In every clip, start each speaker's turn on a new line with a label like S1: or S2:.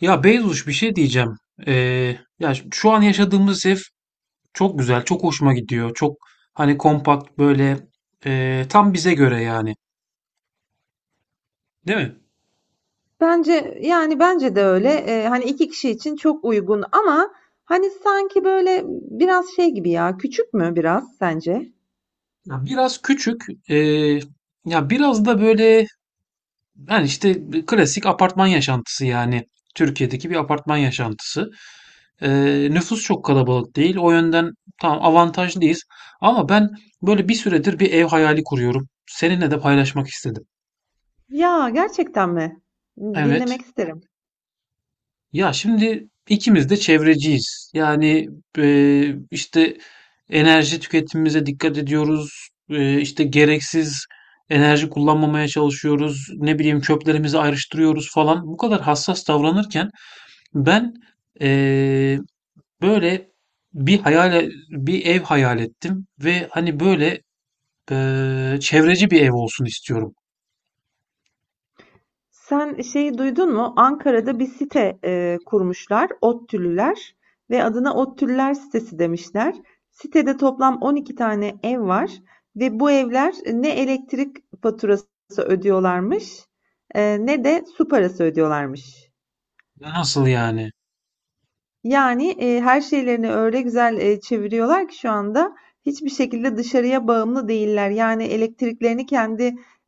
S1: Ya Beyzuş bir şey diyeceğim. Şu an yaşadığımız ev çok güzel, çok hoşuma gidiyor. Çok hani kompakt böyle, tam bize göre yani. Değil mi?
S2: Bence yani bence de öyle. Hani 2 kişi için çok uygun ama hani sanki böyle biraz şey gibi ya. Küçük mü biraz sence?
S1: Ya biraz küçük, e, ya biraz da böyle hani işte klasik apartman yaşantısı yani. Türkiye'deki bir apartman yaşantısı. E, Nüfus çok kalabalık değil. O yönden tam avantajlıyız. Ama ben böyle bir süredir bir ev hayali kuruyorum. Seninle de paylaşmak istedim.
S2: Ya gerçekten mi?
S1: Evet.
S2: Dinlemek isterim.
S1: Ya şimdi ikimiz de çevreciyiz. Yani e, işte enerji tüketimimize dikkat ediyoruz. İşte gereksiz enerji kullanmamaya çalışıyoruz. Ne bileyim çöplerimizi ayrıştırıyoruz falan. Bu kadar hassas davranırken ben e, böyle bir hayal bir ev hayal ettim ve hani böyle, çevreci bir ev olsun istiyorum.
S2: Sen şeyi duydun mu? Ankara'da bir site kurmuşlar, ODTÜ'lüler ve adına ODTÜ'lüler sitesi demişler. Sitede toplam 12 tane ev var ve bu evler ne elektrik faturası ödüyorlarmış, ne de su parası ödüyorlarmış.
S1: Nasıl yani?
S2: Yani, her şeylerini öyle güzel, çeviriyorlar ki şu anda hiçbir şekilde dışarıya bağımlı değiller. Yani elektriklerini kendi,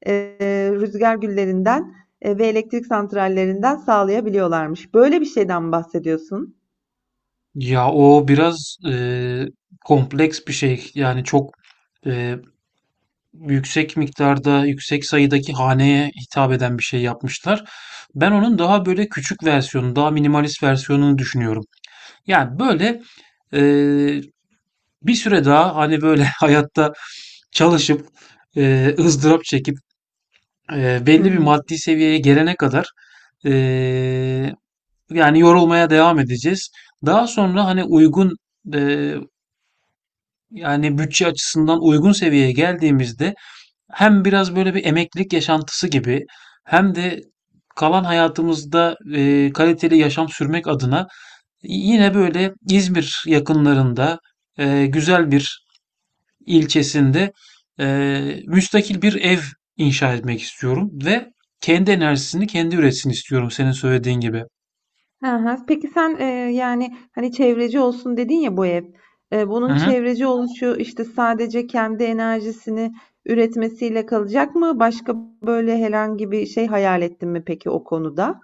S2: rüzgâr güllerinden, ve elektrik santrallerinden sağlayabiliyorlarmış. Böyle bir şeyden mi bahsediyorsun?
S1: Ya o biraz kompleks bir şey. Yani çok eee, yüksek miktarda, yüksek sayıdaki haneye hitap eden bir şey yapmışlar. Ben onun daha böyle küçük versiyonu, daha minimalist versiyonunu düşünüyorum. Yani böyle eee, bir süre daha hani böyle hayatta çalışıp ızdırap çekip
S2: Hı
S1: belli bir
S2: hı.
S1: maddi seviyeye gelene kadar eee, yani yorulmaya devam edeceğiz. Daha sonra hani uygun e, yani bütçe açısından uygun seviyeye geldiğimizde hem biraz böyle bir emeklilik yaşantısı gibi hem de kalan hayatımızda kaliteli yaşam sürmek adına yine böyle İzmir yakınlarında güzel bir ilçesinde e, müstakil bir ev inşa etmek istiyorum ve kendi enerjisini kendi üretsin istiyorum senin söylediğin gibi.
S2: Hı hı. Peki sen, yani, hani, çevreci olsun dedin ya bu ev.
S1: Hı
S2: Bunun
S1: hı.
S2: çevreci oluşu, işte, sadece kendi enerjisini üretmesiyle kalacak mı? Başka böyle herhangi bir şey hayal ettin mi peki o konuda?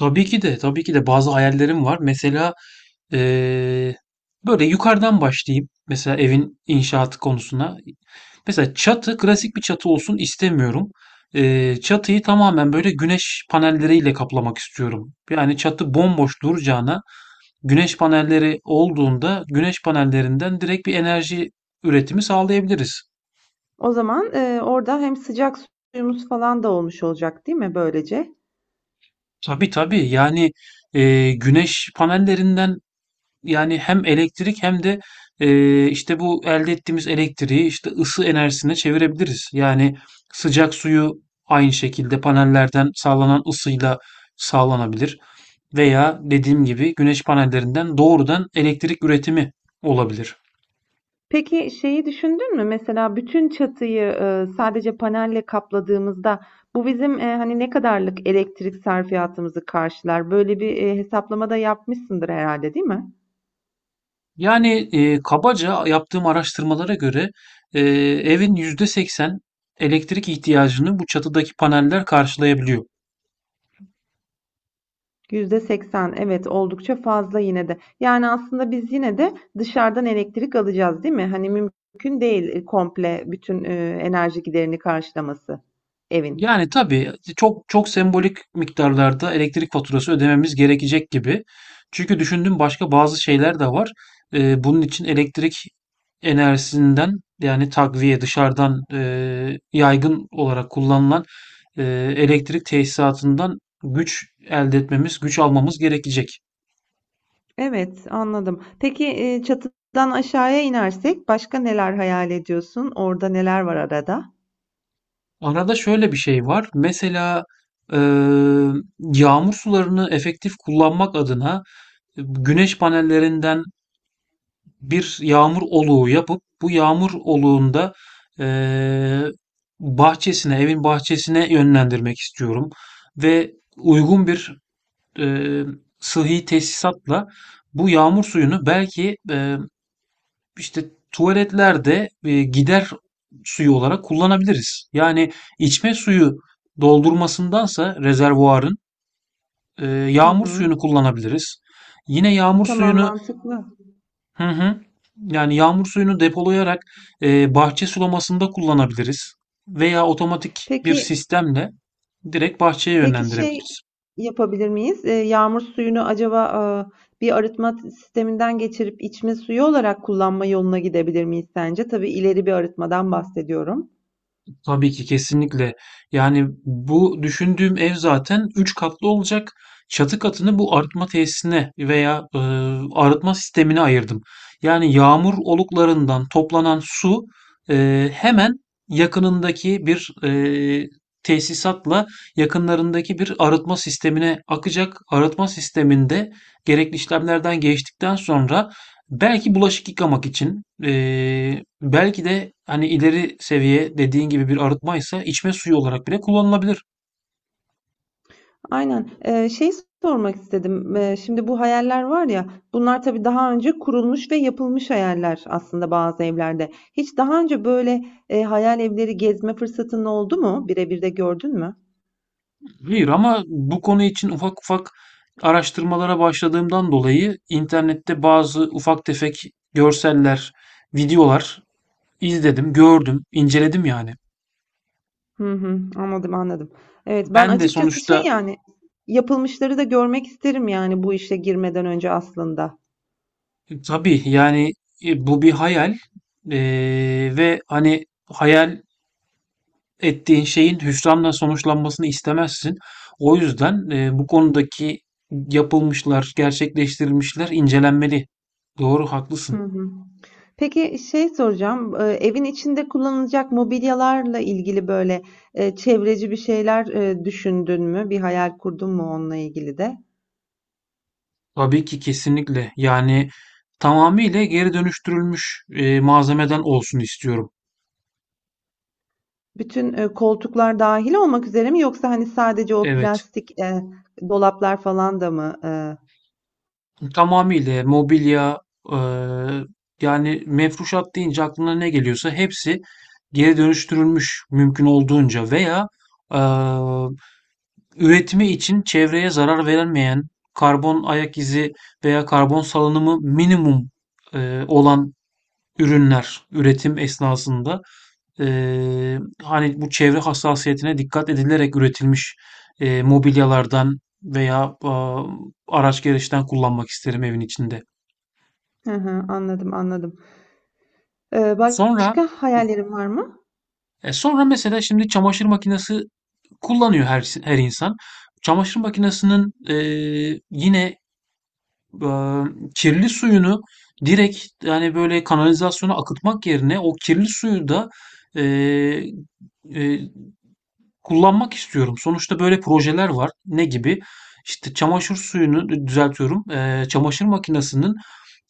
S1: Tabii ki de tabii ki de bazı hayallerim var. Mesela Eee, böyle yukarıdan başlayayım. Mesela evin inşaatı konusuna. Mesela çatı klasik bir çatı olsun istemiyorum. Çatıyı tamamen böyle güneş panelleriyle kaplamak istiyorum. Yani çatı bomboş duracağına güneş panelleri olduğunda güneş panellerinden direkt bir enerji üretimi sağlayabiliriz.
S2: O zaman, orada hem sıcak suyumuz falan da olmuş olacak, değil mi böylece?
S1: Tabii tabii yani güneş panellerinden yani hem elektrik hem de işte bu elde ettiğimiz elektriği işte ısı enerjisine çevirebiliriz. Yani sıcak suyu aynı şekilde panellerden sağlanan ısıyla sağlanabilir veya dediğim gibi güneş panellerinden doğrudan elektrik üretimi olabilir.
S2: Peki şeyi düşündün mü? Mesela bütün çatıyı sadece panelle kapladığımızda bu bizim hani ne kadarlık elektrik sarfiyatımızı karşılar? Böyle bir hesaplama da yapmışsındır herhalde, değil mi?
S1: Yani kabaca yaptığım araştırmalara göre eee evin %80 elektrik ihtiyacını bu çatıdaki paneller karşılayabiliyor.
S2: %80, evet, oldukça fazla yine de. Yani aslında biz yine de dışarıdan elektrik alacağız, değil mi? Hani mümkün değil komple bütün enerji giderini karşılaması evin.
S1: Yani tabii, çok çok sembolik miktarlarda elektrik faturası ödememiz gerekecek gibi. Çünkü düşündüğüm başka bazı şeyler de var. Bunun için elektrik enerjisinden yani takviye dışarıdan yaygın olarak kullanılan e, elektrik tesisatından güç elde etmemiz, güç almamız gerekecek.
S2: Evet, anladım. Peki, çatıdan aşağıya inersek başka neler hayal ediyorsun? Orada neler var arada?
S1: Arada şöyle bir şey var. Mesela e, yağmur sularını efektif kullanmak adına güneş panellerinden bir yağmur oluğu yapıp bu yağmur oluğunda eee, bahçesine, evin bahçesine yönlendirmek istiyorum ve uygun bir eee sıhhi tesisatla bu yağmur suyunu belki işte tuvaletlerde gider suyu olarak kullanabiliriz. Yani içme suyu doldurmasındansa rezervuarın
S2: Hı
S1: yağmur
S2: hı.
S1: suyunu kullanabiliriz. Yine yağmur
S2: Tamam,
S1: suyunu.
S2: mantıklı.
S1: Hı hı. Yani yağmur suyunu depolayarak bahçe sulamasında kullanabiliriz veya otomatik bir
S2: Peki
S1: sistemle direkt bahçeye
S2: peki şey
S1: yönlendirebiliriz.
S2: yapabilir miyiz? Yağmur suyunu acaba, bir arıtma sisteminden geçirip içme suyu olarak kullanma yoluna gidebilir miyiz sence? Tabii ileri bir arıtmadan bahsediyorum.
S1: Tabii ki kesinlikle. Yani bu düşündüğüm ev zaten 3 katlı olacak. Çatı katını bu arıtma tesisine veya arıtma sistemine ayırdım. Yani yağmur oluklarından toplanan su hemen yakınındaki bir tesisatla yakınlarındaki bir arıtma sistemine akacak. Arıtma sisteminde gerekli işlemlerden geçtikten sonra belki bulaşık yıkamak için, belki de hani ileri seviye dediğin gibi bir arıtmaysa içme suyu olarak bile kullanılabilir.
S2: Aynen. Şey sormak istedim. Şimdi bu hayaller var ya, bunlar tabii daha önce kurulmuş ve yapılmış hayaller aslında bazı evlerde. Hiç daha önce böyle hayal evleri gezme fırsatın oldu mu? Birebir de gördün mü?
S1: Hayır ama bu konu için ufak ufak araştırmalara başladığımdan dolayı internette bazı ufak tefek görseller, videolar izledim, gördüm, inceledim yani.
S2: Hı hı, anladım, anladım. Evet, ben
S1: Ben de
S2: açıkçası şey
S1: sonuçta
S2: yani yapılmışları da görmek isterim yani bu işe girmeden önce aslında.
S1: tabii yani bu bir hayal ve hani hayal ettiğin şeyin hüsranla sonuçlanmasını istemezsin. O yüzden, bu konudaki yapılmışlar, gerçekleştirilmişler incelenmeli. Doğru,
S2: Hı
S1: haklısın.
S2: hı. Peki şey soracağım, evin içinde kullanılacak mobilyalarla ilgili böyle, çevreci bir şeyler, düşündün mü? Bir hayal kurdun mu onunla ilgili de?
S1: Tabii ki, kesinlikle. Yani tamamıyla geri dönüştürülmüş, malzemeden olsun istiyorum.
S2: Bütün, koltuklar dâhil olmak üzere mi yoksa, hani, sadece o
S1: Evet.
S2: plastik, dolaplar falan da mı?
S1: Tamamıyla mobilya, eee, yani mefruşat deyince aklına ne geliyorsa hepsi geri dönüştürülmüş mümkün olduğunca veya, eee üretimi için çevreye zarar verilmeyen, karbon ayak izi veya karbon salınımı minimum olan ürünler üretim esnasında e, hani bu çevre hassasiyetine dikkat edilerek üretilmiş mobilyalardan veya araç gereçten kullanmak isterim evin içinde.
S2: Hı hı, anladım, anladım.
S1: Sonra
S2: Başka hayallerin var mı?
S1: e, sonra mesela şimdi çamaşır makinesi kullanıyor her insan. Çamaşır makinesinin yine eee, kirli suyunu direkt yani böyle kanalizasyona akıtmak yerine o kirli suyu da eee, eee, kullanmak istiyorum. Sonuçta böyle projeler var. Ne gibi? İşte çamaşır suyunu düzeltiyorum. Çamaşır makinesinin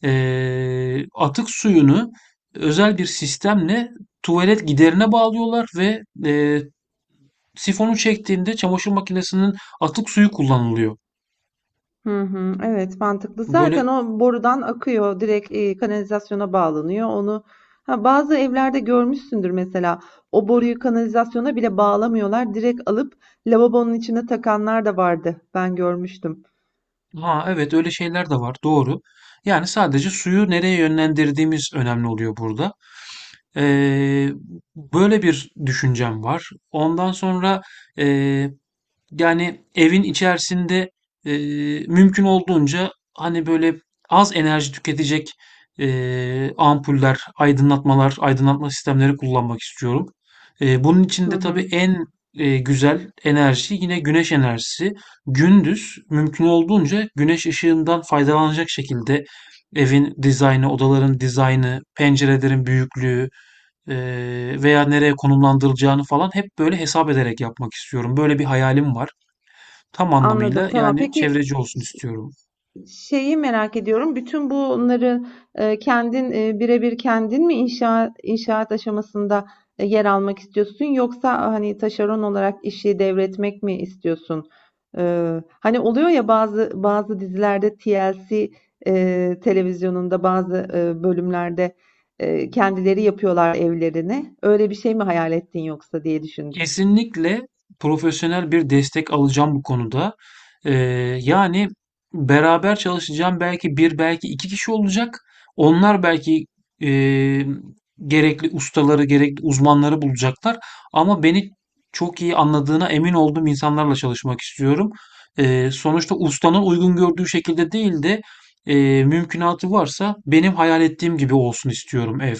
S1: atık suyunu özel bir sistemle tuvalet giderine bağlıyorlar ve sifonu çektiğinde çamaşır makinesinin atık suyu kullanılıyor.
S2: Hı hı, evet, mantıklı. Zaten
S1: Böyle.
S2: o borudan akıyor, direkt kanalizasyona bağlanıyor. Onu ha, bazı evlerde görmüşsündür. Mesela o boruyu kanalizasyona bile bağlamıyorlar. Direkt alıp lavabonun içine takanlar da vardı. Ben görmüştüm.
S1: Ha evet öyle şeyler de var doğru. Yani sadece suyu nereye yönlendirdiğimiz önemli oluyor burada. Ee, Böyle bir düşüncem var. Ondan sonra yani evin içerisinde e, mümkün olduğunca hani böyle az enerji tüketecek ampuller, aydınlatmalar, aydınlatma sistemleri kullanmak istiyorum. Bunun için
S2: Hı
S1: de tabii
S2: hı.
S1: en güzel enerji yine güneş enerjisi. Gündüz mümkün olduğunca güneş ışığından faydalanacak şekilde evin dizaynı, odaların dizaynı, pencerelerin büyüklüğü e, veya nereye konumlandırılacağını falan hep böyle hesap ederek yapmak istiyorum. Böyle bir hayalim var. Tam
S2: Anladım.
S1: anlamıyla
S2: Tamam.
S1: yani
S2: Peki,
S1: çevreci olsun istiyorum.
S2: şeyi merak ediyorum. Bütün bunları, kendin, birebir kendin mi inşaat aşamasında, yer almak istiyorsun yoksa, hani, taşeron olarak işi devretmek mi istiyorsun? Hani, oluyor ya bazı dizilerde TLC, televizyonunda bazı, bölümlerde, kendileri yapıyorlar evlerini. Öyle bir şey mi hayal ettin yoksa diye düşündüm.
S1: Kesinlikle profesyonel bir destek alacağım bu konuda. Yani beraber çalışacağım belki bir belki iki kişi olacak. Onlar belki eee, gerekli ustaları, gerekli uzmanları bulacaklar. Ama beni çok iyi anladığına emin olduğum insanlarla çalışmak istiyorum. Sonuçta ustanın uygun gördüğü şekilde değil de mümkünatı varsa benim hayal ettiğim gibi olsun istiyorum ev.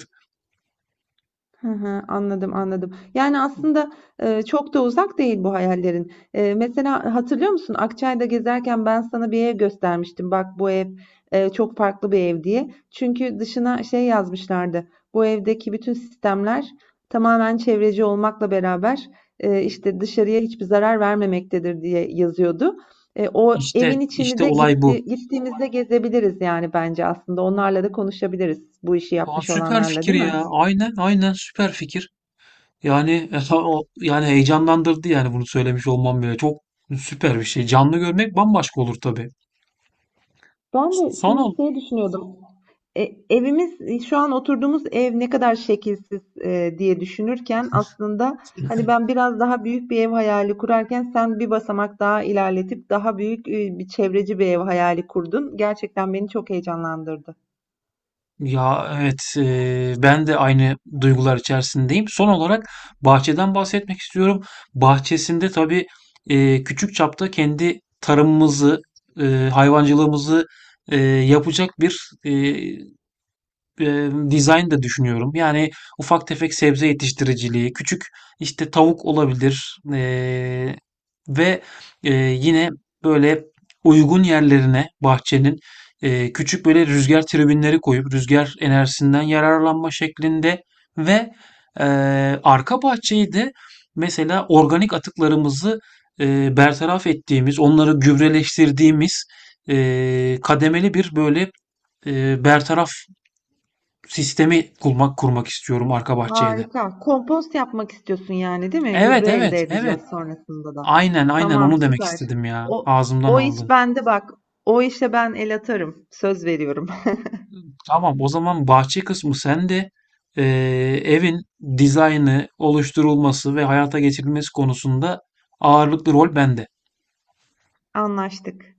S2: Hı hı, anladım, anladım. Yani aslında, çok da uzak değil bu hayallerin. Mesela hatırlıyor musun? Akçay'da gezerken ben sana bir ev göstermiştim. Bak bu ev, çok farklı bir ev diye. Çünkü dışına şey yazmışlardı. Bu evdeki bütün sistemler tamamen çevreci olmakla beraber, işte dışarıya hiçbir zarar vermemektedir diye yazıyordu. O
S1: İşte
S2: evin içini
S1: işte
S2: de
S1: olay bu.
S2: gittiğimizde gezebiliriz yani bence aslında. Onlarla da konuşabiliriz bu işi
S1: Aa,
S2: yapmış
S1: süper
S2: olanlarla,
S1: fikir
S2: değil mi?
S1: ya. Aynen aynen süper fikir. Yani o yani heyecanlandırdı yani bunu söylemiş olmam bile. Çok süper bir şey. Canlı görmek bambaşka olur tabii. Son ol.
S2: Düşünüyordum. Evimiz şu an oturduğumuz ev ne kadar şekilsiz diye düşünürken aslında hani ben biraz daha büyük bir ev hayali kurarken sen bir basamak daha ilerletip daha büyük bir çevreci bir ev hayali kurdun. Gerçekten beni çok heyecanlandırdı.
S1: Ya evet ben de aynı duygular içerisindeyim. Son olarak bahçeden bahsetmek istiyorum. Bahçesinde tabii küçük çapta kendi tarımımızı, hayvancılığımızı yapacak bir e, design de düşünüyorum. Yani ufak tefek sebze yetiştiriciliği, küçük işte tavuk olabilir, ve yine böyle uygun yerlerine bahçenin küçük böyle rüzgar tribünleri koyup rüzgar enerjisinden yararlanma şeklinde ve e, arka bahçeyi de mesela organik atıklarımızı bertaraf ettiğimiz, onları gübreleştirdiğimiz kademeli bir böyle bertaraf sistemi kurmak istiyorum arka bahçeye de.
S2: Harika. Kompost yapmak istiyorsun yani, değil mi?
S1: Evet
S2: Gübre
S1: evet
S2: elde
S1: evet.
S2: edeceğiz sonrasında da.
S1: Aynen aynen
S2: Tamam,
S1: onu demek
S2: süper.
S1: istedim ya.
S2: O
S1: Ağzımdan
S2: iş
S1: aldın.
S2: bende bak. O işe ben el atarım. Söz veriyorum.
S1: Tamam o zaman bahçe kısmı sende. Ee, Evin dizaynı, oluşturulması ve hayata geçirilmesi konusunda ağırlıklı rol bende.
S2: Anlaştık.